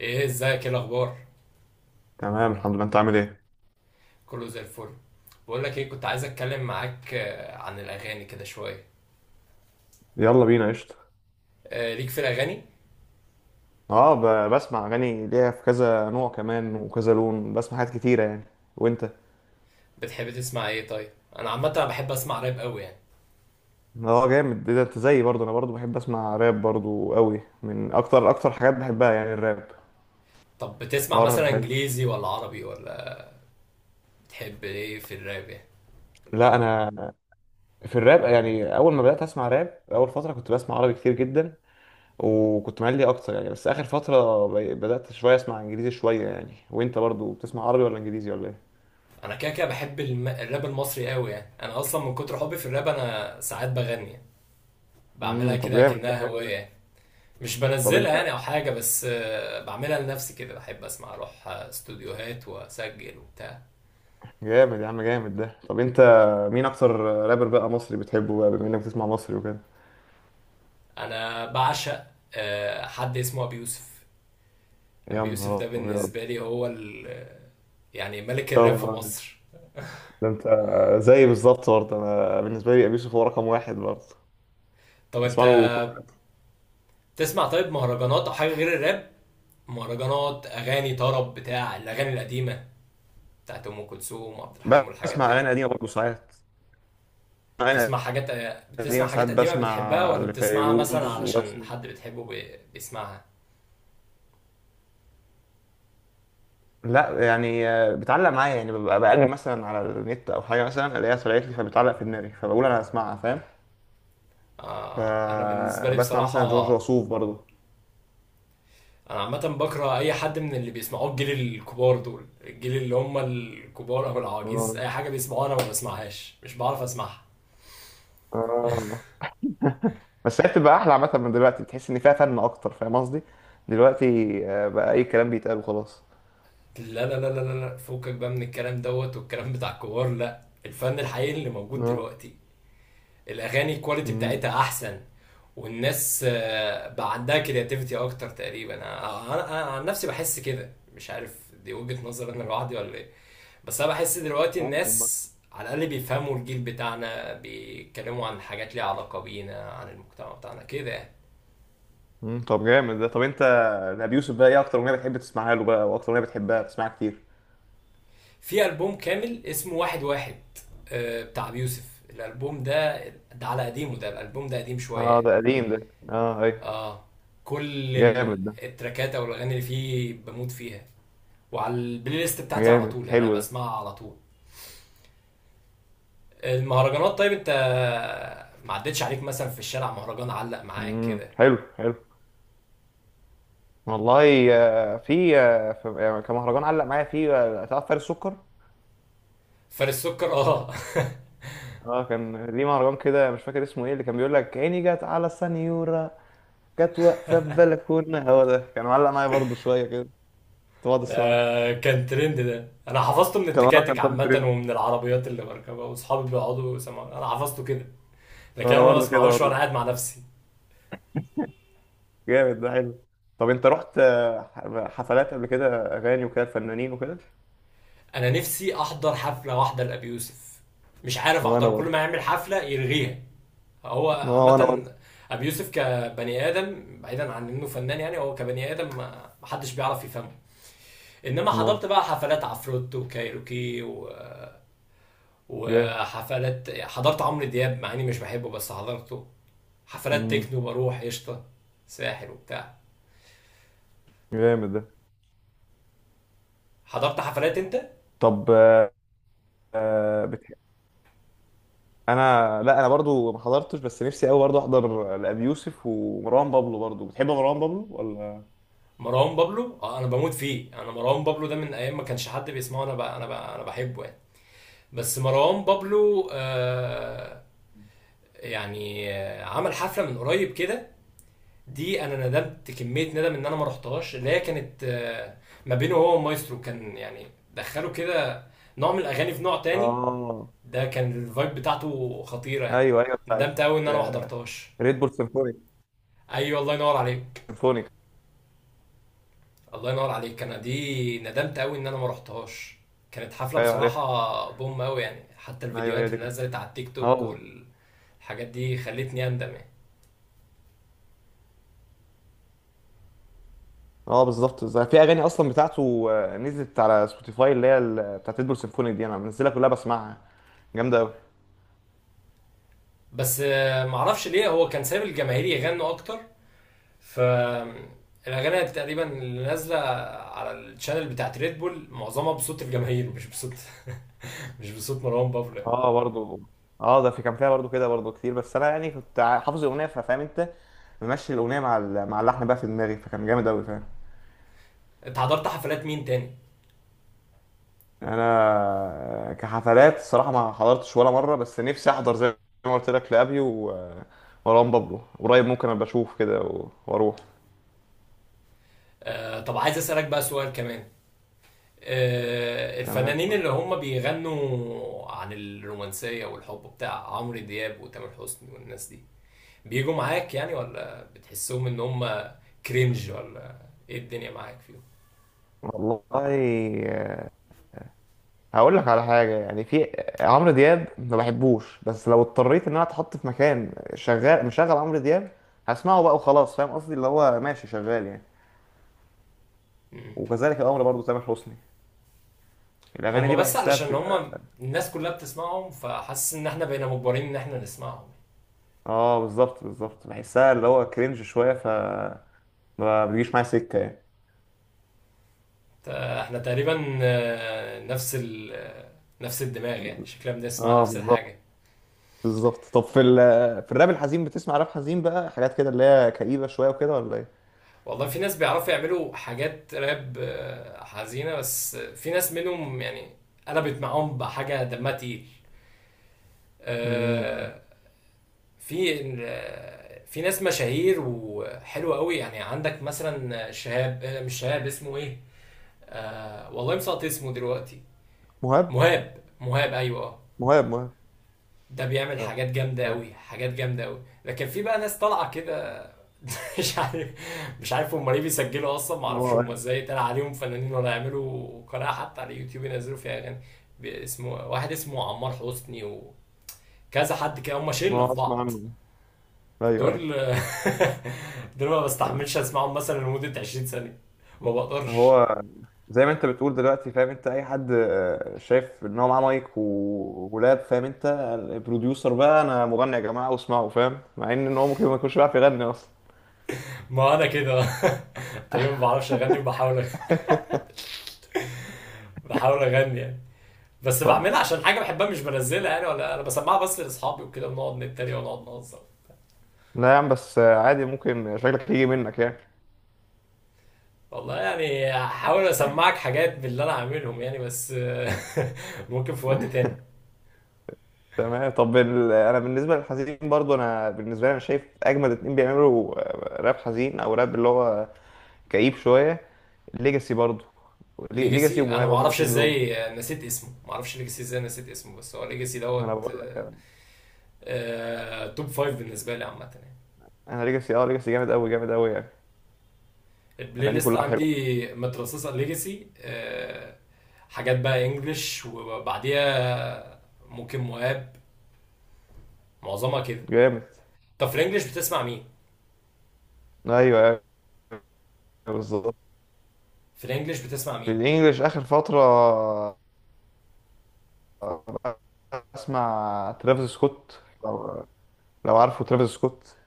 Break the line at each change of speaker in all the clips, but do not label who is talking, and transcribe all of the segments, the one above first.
ايه ازيك؟ ايه الاخبار؟
تمام، الحمد لله. انت عامل ايه؟
كله زي الفل. بقول لك ايه، كنت عايز اتكلم معاك عن الاغاني كده شويه.
يلا بينا قشطة.
ليك في الاغاني؟
اه، بسمع اغاني ليها في كذا نوع كمان وكذا لون، بسمع حاجات كتيرة يعني. وانت؟
بتحب تسمع ايه طيب؟ انا عامه بحب اسمع راب قوي يعني.
اه، جامد، ايه ده. انت زيي برضه، انا برضه بحب اسمع راب برضه قوي، من اكتر اكتر حاجات بحبها يعني الراب.
طب بتسمع
حوار
مثلا
حلو.
انجليزي ولا عربي ولا؟ بتحب ايه في الراب يعني؟
لا، انا. في الراب يعني، اول ما بدات اسمع راب، اول فتره كنت بسمع عربي كتير جدا. وكنت مالي اكتر يعني، بس اخر فتره بدات شويه اسمع انجليزي شويه يعني. وانت برضه بتسمع عربي ولا انجليزي ولا ايه؟
انا كده كده بحب الراب المصري قوي يعني. انا اصلا من كتر حبي في الراب انا ساعات بغني يعني. بعملها
طب،
كده
جامد ده،
كأنها
حلو
هوايه
ده.
يعني. مش
طب انت
بنزلها يعني او حاجه، بس بعملها لنفسي كده، بحب اسمع، اروح استوديوهات واسجل وبتاع.
جامد يا عم، جامد ده. طب انت مين اكتر رابر بقى مصري بتحبه بقى، بما انك بتسمع مصري وكده؟
انا بعشق حد اسمه ابي يوسف.
يا
ابي يوسف ده
نهار ابيض.
بالنسبه لي هو يعني ملك الراب في
طبعا.
مصر.
ده انت زي بالظبط برضه. انا بالنسبه لي ابي يوسف هو رقم واحد برضه.
طب انت
بسمع له كل.
تسمع طيب مهرجانات او حاجه غير الراب؟ مهرجانات، اغاني طرب، بتاع الاغاني القديمه، بتاعت ام كلثوم وعبد الحليم والحاجات
بسمع
دي؟
اغاني قديمه برضه ساعات، اغاني
بتسمع حاجات، بتسمع
قديمه، ساعات
حاجات قديمه بتحبها،
بسمع
ولا بتسمعها مثلا
لفيروز
علشان
وبسمع.
حد بتحبه بيسمعها؟
لا، يعني بتعلق معايا يعني. ببقى بقلب مثلا على النت او حاجه، مثلا الاقيها طلعت لي فبتعلق في دماغي، فبقول انا هسمعها، فاهم.
آه، انا بالنسبه لي
فبسمع
بصراحه،
مثلا جورج وسوف برضه.
انا عامه بكره اي حد من اللي بيسمعوه الجيل الكبار دول، الجيل اللي هم الكبار او العواجيز،
اه،
اي حاجه بيسمعوها انا ما بسمعهاش، مش بعرف اسمعها.
اه، بس هي بتبقى احلى عامه من دلوقتي، بتحس ان فيها فن اكتر، فاهم قصدي. دلوقتي بقى اي كلام بيتقال وخلاص.
لا لا لا لا لا لا، فكك بقى من الكلام دوت والكلام بتاع الكبار، لا، الفن الحقيقي اللي موجود
اه.
دلوقتي، الاغاني الكواليتي
مم.
بتاعتها احسن، والناس بقى عندها كرياتيفيتي اكتر تقريبا. أنا عن نفسي بحس كده، مش عارف دي وجهة نظر انا لوحدي ولا ايه؟ بس انا بحس دلوقتي
ممكن
الناس
برضه.
على الاقل بيفهموا الجيل بتاعنا، بيتكلموا عن حاجات ليها علاقه بينا، عن المجتمع بتاعنا كده يعني.
طب، جامد ده. طب انت، ابي يوسف بقى، ايه اكتر اغنيه بتحب تسمعها له بقى، واكتر اغنيه بتحبها بتسمعها كتير؟
في البوم كامل اسمه واحد واحد، بتاع بيوسف. الالبوم ده، ده على قديمه، ده الالبوم ده قديم شويه
اه،
يعني.
ده قديم ده، اه، اي.
اه، كل
جامد ده.
التراكات او الاغاني اللي فيه بموت فيها، وعلى البلاي ليست بتاعتي على
جامد
طول يعني،
حلو
انا
ده.
بسمعها على طول. المهرجانات، طيب انت ما عدتش عليك مثلا في الشارع مهرجان علق معاك كده؟
حلو، حلو. والله. كان مهرجان علق معايا فيه. تعرف فارس سكر؟
فارس السكر، اه
اه، كان ليه مهرجان كده، مش فاكر اسمه ايه، اللي كان بيقول لك: عيني جت على السنيوره. كانت واقفة في بلكونة، هو ده كان معلق معايا برضه شوية كده، كنت بقعد
ده
اسمعه.
كان ترند، ده انا حفظته من
كان اه
التكاتك
كان طالع
عامه
ترند.
ومن العربيات اللي بركبها واصحابي بيقعدوا يسمعوا، انا حفظته كده، لكن
وانا
انا ما
برضه كده
بسمعوش وانا
برضه.
قاعد مع نفسي.
جامد ده، حلو. طب انت رحت حفلات قبل كده؟ اغاني وكده، فنانين وكده.
انا نفسي احضر حفله واحده لابي يوسف، مش عارف
وانا
احضر، كل ما
برضه
يعمل حفله يلغيها. هو
اه وانا
عامه،
برضه
ابي يوسف كبني ادم، بعيدا عن انه فنان يعني، هو كبني ادم ما حدش بيعرف يفهمه. انما حضرت
اه،
بقى حفلات عفروت وكايروكي و...
جامد.
وحفلات، حضرت عمرو دياب مع اني مش بحبه بس حضرته، حفلات
امم
تكنو بروح قشطه، ساحل وبتاع.
جامد ده.
حضرت حفلات انت؟
طب، آه، بتح... لا، انا برضه ما حضرتش، بس نفسي قوي برضه احضر لابي يوسف. ومروان بابلو برضه، بتحب مروان بابلو ولا؟
مروان بابلو، اه انا بموت فيه، انا مروان بابلو ده من ايام ما كانش حد بيسمعه انا بحبه يعني. بس مروان بابلو آه، يعني آه عمل حفله من قريب كده، دي انا ندمت كميه ندم ان انا ما رحتهاش، اللي هي كانت آه، ما بينه هو ومايسترو كان يعني، دخلوا كده نوع من الاغاني في نوع تاني،
اه،
ده كان الفايب بتاعته خطيره يعني.
ايوه، ايوه، بتاعت
ندمت قوي ان انا ما حضرتهاش.
ريد بول سيمفونيك.
ايوه، الله ينور عليك.
سيمفونيك.
الله ينور عليك، انا دي ندمت قوي ان انا ما رحتهاش. كانت حفله
ايوه، عارف.
بصراحه بوم قوي يعني، حتى
ايوه، هي
الفيديوهات
دي
اللي
كنت
نزلت على التيك توك
اه
والحاجات دي خلتني اندم يعني.
اه، بالظبط، بالظبط. في اغاني اصلا بتاعته نزلت على سبوتيفاي، اللي هي بتاعت ديدبول سيمفوني دي، انا منزلها كلها بسمعها. جامده قوي.
بس معرفش ليه هو كان سايب الجماهير يغنوا اكتر، ف الاغاني تقريبا اللي نازله على الشانل بتاعت ريد بول معظمها بصوت الجماهير، مش بصوت مش بصوت مروان بابلو يعني.
اه، برضو. اه، ده، في كان فيها برضو كده برضو كتير، بس انا يعني كنت حافظ الاغنيه، فاهم انت. ممشي الاغنيه مع اللحن بقى في دماغي، فكان جامد قوي، فاهم.
انت حضرت حفلات مين تاني؟
انا كحفلات الصراحه ما حضرتش ولا مره، بس نفسي احضر زي ما قلت لك لابي ومروان بابلو. قريب ممكن ابقى اشوف كده واروح.
طب عايز اسالك بقى سؤال كمان.
تمام.
الفنانين اللي هم بيغنوا عن الرومانسية والحب، بتاع عمرو دياب وتامر حسني والناس دي، بيجوا معاك يعني ولا بتحسهم ان هم كرينج، ولا ايه الدنيا معاك فيهم؟
والله هقول لك على حاجه يعني. في عمرو دياب، ما بحبوش، بس لو اضطريت ان انا اتحط في مكان شغال مشغل عمرو دياب، هسمعه بقى وخلاص، فاهم قصدي، اللي هو ماشي شغال يعني.
مم.
وكذلك الامر برضو تامر حسني. الاغاني
هم
دي
بس
بحسها
علشان
بتبقى.
هم الناس كلها بتسمعهم، فحاسس ان احنا بقينا مجبرين ان احنا نسمعهم.
اه، بالظبط، بالظبط، بحسها اللي هو كرنج شويه، ما بيجيش معايا سكه يعني.
احنا تقريبا نفس ال آه، نفس الدماغ يعني، شكلنا بنسمع
اه،
نفس
بالظبط،
الحاجة.
بالظبط. طب، في الراب الحزين، بتسمع راب حزين بقى، حاجات كده اللي هي كئيبه شويه وكده، ولا ايه؟
والله في ناس بيعرفوا يعملوا حاجات راب حزينة، بس في ناس منهم يعني قلبت معاهم بحاجة دمها تقيل.
مم.
آه، في في ناس مشاهير وحلوة قوي يعني، عندك مثلا شهاب، مش شهاب، اسمه ايه، والله مسقط اسمه دلوقتي.
مهاب،
مهاب، مهاب، ايوه اه.
مهاب، مهاب،
ده بيعمل حاجات جامدة قوي، حاجات جامدة قوي، لكن في بقى ناس طالعة كده مش عارف، مش عارف هم ليه بيسجلوا اصلا، ما اعرفش هم
اه.
ازاي طلع عليهم فنانين ولا يعملوا قناه حتى على اليوتيوب ينزلوا فيها اغاني. اسمه واحد اسمه عمار حسني وكذا حد كده، هم شله
ما
في
اسمع
بعض
عنه. ايوه، ايوه.
دول دول ما
آه.
بستحملش اسمعهم مثلا لمده 20 سنه، ما بقدرش.
هو زي ما انت بتقول دلوقتي، فاهم انت. اي حد شايف ان هو معاه مايك ولاب، فاهم انت. البروديوسر بقى، انا مغني يا جماعه واسمعوا، فاهم، مع ان هو ممكن ما يكونش بيعرف يغني اصلا.
ما انا كده تقريبا ما بعرفش اغني، وبحاول، بحاول اغني يعني، بس
طب،
بعملها عشان حاجه بحبها، مش بنزلها يعني ولا انا بسمعها، بس لاصحابي وكده ونقعد نتريق ونقعد نهزر.
لا يا عم، بس عادي، ممكن شكلك يجي منك يعني.
والله يعني هحاول اسمعك حاجات باللي انا عاملهم يعني بس ممكن في وقت تاني.
تمام. طب، انا بالنسبه للحزين برضو، انا بالنسبه لي انا شايف اجمد اتنين بيعملوا راب حزين او راب اللي هو كئيب شويه. ليجاسي برضو. ليجاسي
ليجاسي، انا
ومهاب
ما
هما
اعرفش
الاثنين دول.
ازاي نسيت اسمه، ما اعرفش ليجاسي ازاي نسيت اسمه، بس هو ليجاسي
ما انا
دوت
بقول لك.
توب فايف بالنسبه لي عامه يعني.
انا ليجاسي جامد قوي، جامد قوي يعني.
البلاي
اغانيه
ليست
كلها حلوه.
عندي مترصصه ليجاسي، حاجات بقى انجلش، وبعديها ممكن مواب، معظمها كده.
جامد.
طب في الانجليش بتسمع مين؟
ايوه، أيوة، بالظبط.
في الانجليش بتسمع
في
مين؟
الانجليش اخر فتره، بسمع ترافيس سكوت، لو عارفه ترافيس سكوت.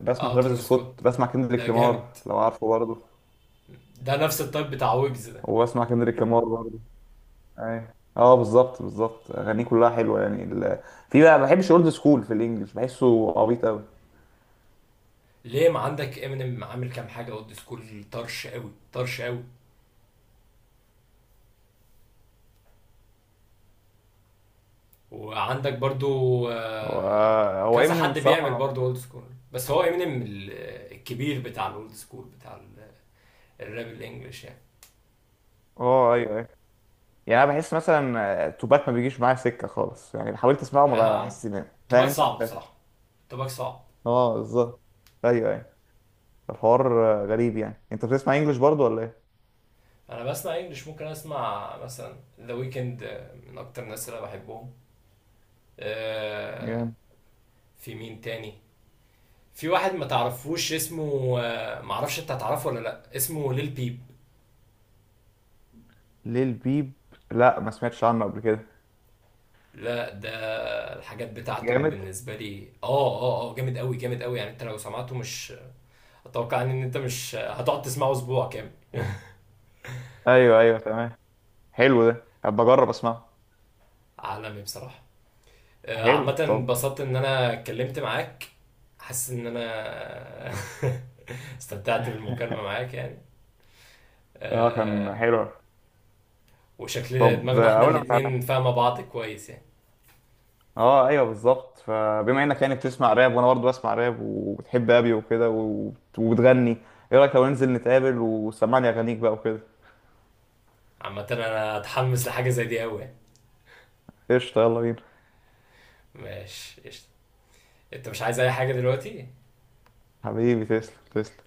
بسمع
اه
ترافيس
ترافيس سكوت
سكوت، بسمع
ده
كندريك
جامد،
لامار لو عارفه برضه.
ده نفس التايب بتاع ويجز ده.
وبسمع كندريك لامار برضه. ايوه، اه، بالظبط، بالظبط. اغانيه كلها حلوه يعني. في بقى ما بحبش اولد سكول في الانجليش، بحسه عبيط قوي.
ليه، ما عندك امينيم عامل كام حاجه اولد سكول طرش قوي طرش قوي، وعندك برضو
هو هو
كذا
ايمينيم
حد بيعمل
الصراحه.
برضو اولد سكول، بس هو امينيم الكبير بتاع الاولد سكول بتاع الراب الانجليش يعني.
اه، ايوه، ايوه. يعني انا بحس مثلا توباك ما بيجيش معايا سكه خالص يعني، حاولت اسمعه ما
ها،
بحس،
تباك
فاهم
صعب
انت.
بصراحه، تباك صعب.
اه، بالظبط، ايوه، ايوه. الحوار غريب يعني. انت بتسمع انجلش برضو ولا ايه؟
انا بسمع انجليش، ممكن اسمع مثلا ذا ويكند، من اكتر الناس اللي أنا بحبهم. آه،
جامد.
في مين تاني؟ في واحد ما تعرفوش اسمه، معرفش انت هتعرفه ولا لا، اسمه ليل بيب.
ليه البيب. لا، ما سمعتش عنه قبل كده.
لا ده الحاجات بتاعته
جامد.
بالنسبة لي اه، اه اه جامد قوي، جامد قوي يعني، انت لو سمعته مش، اتوقع ان انت مش هتقعد تسمعه اسبوع كامل.
ايوه، ايوه، تمام. حلو ده، هبقى اجرب اسمعه.
عالمي بصراحة.
حلو،
عامة
طب.
انبسطت ان انا اتكلمت معاك، حاسس ان انا استمتعت بالمكالمة معاك يعني.
اه،
آه،
كان حلو.
وشكل
طب،
دماغنا احنا
اقول لك على.
الاتنين فاهمة بعض كويس يعني.
اه، ايوه، بالظبط. فبما انك يعني بتسمع راب، وانا برضو بسمع راب، وبتحب ابي وكده، وبتغني. ايه رايك لو ننزل نتقابل، وسمعني اغانيك بقى وكده؟
عامة انا اتحمس لحاجة زي دي قوي يعني.
قشطه، يلا بينا.
ماشي قشطة. انت مش عايز اي حاجة دلوقتي؟
حبيبي، تسلم، تسلم.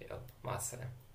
يلا مع السلامة.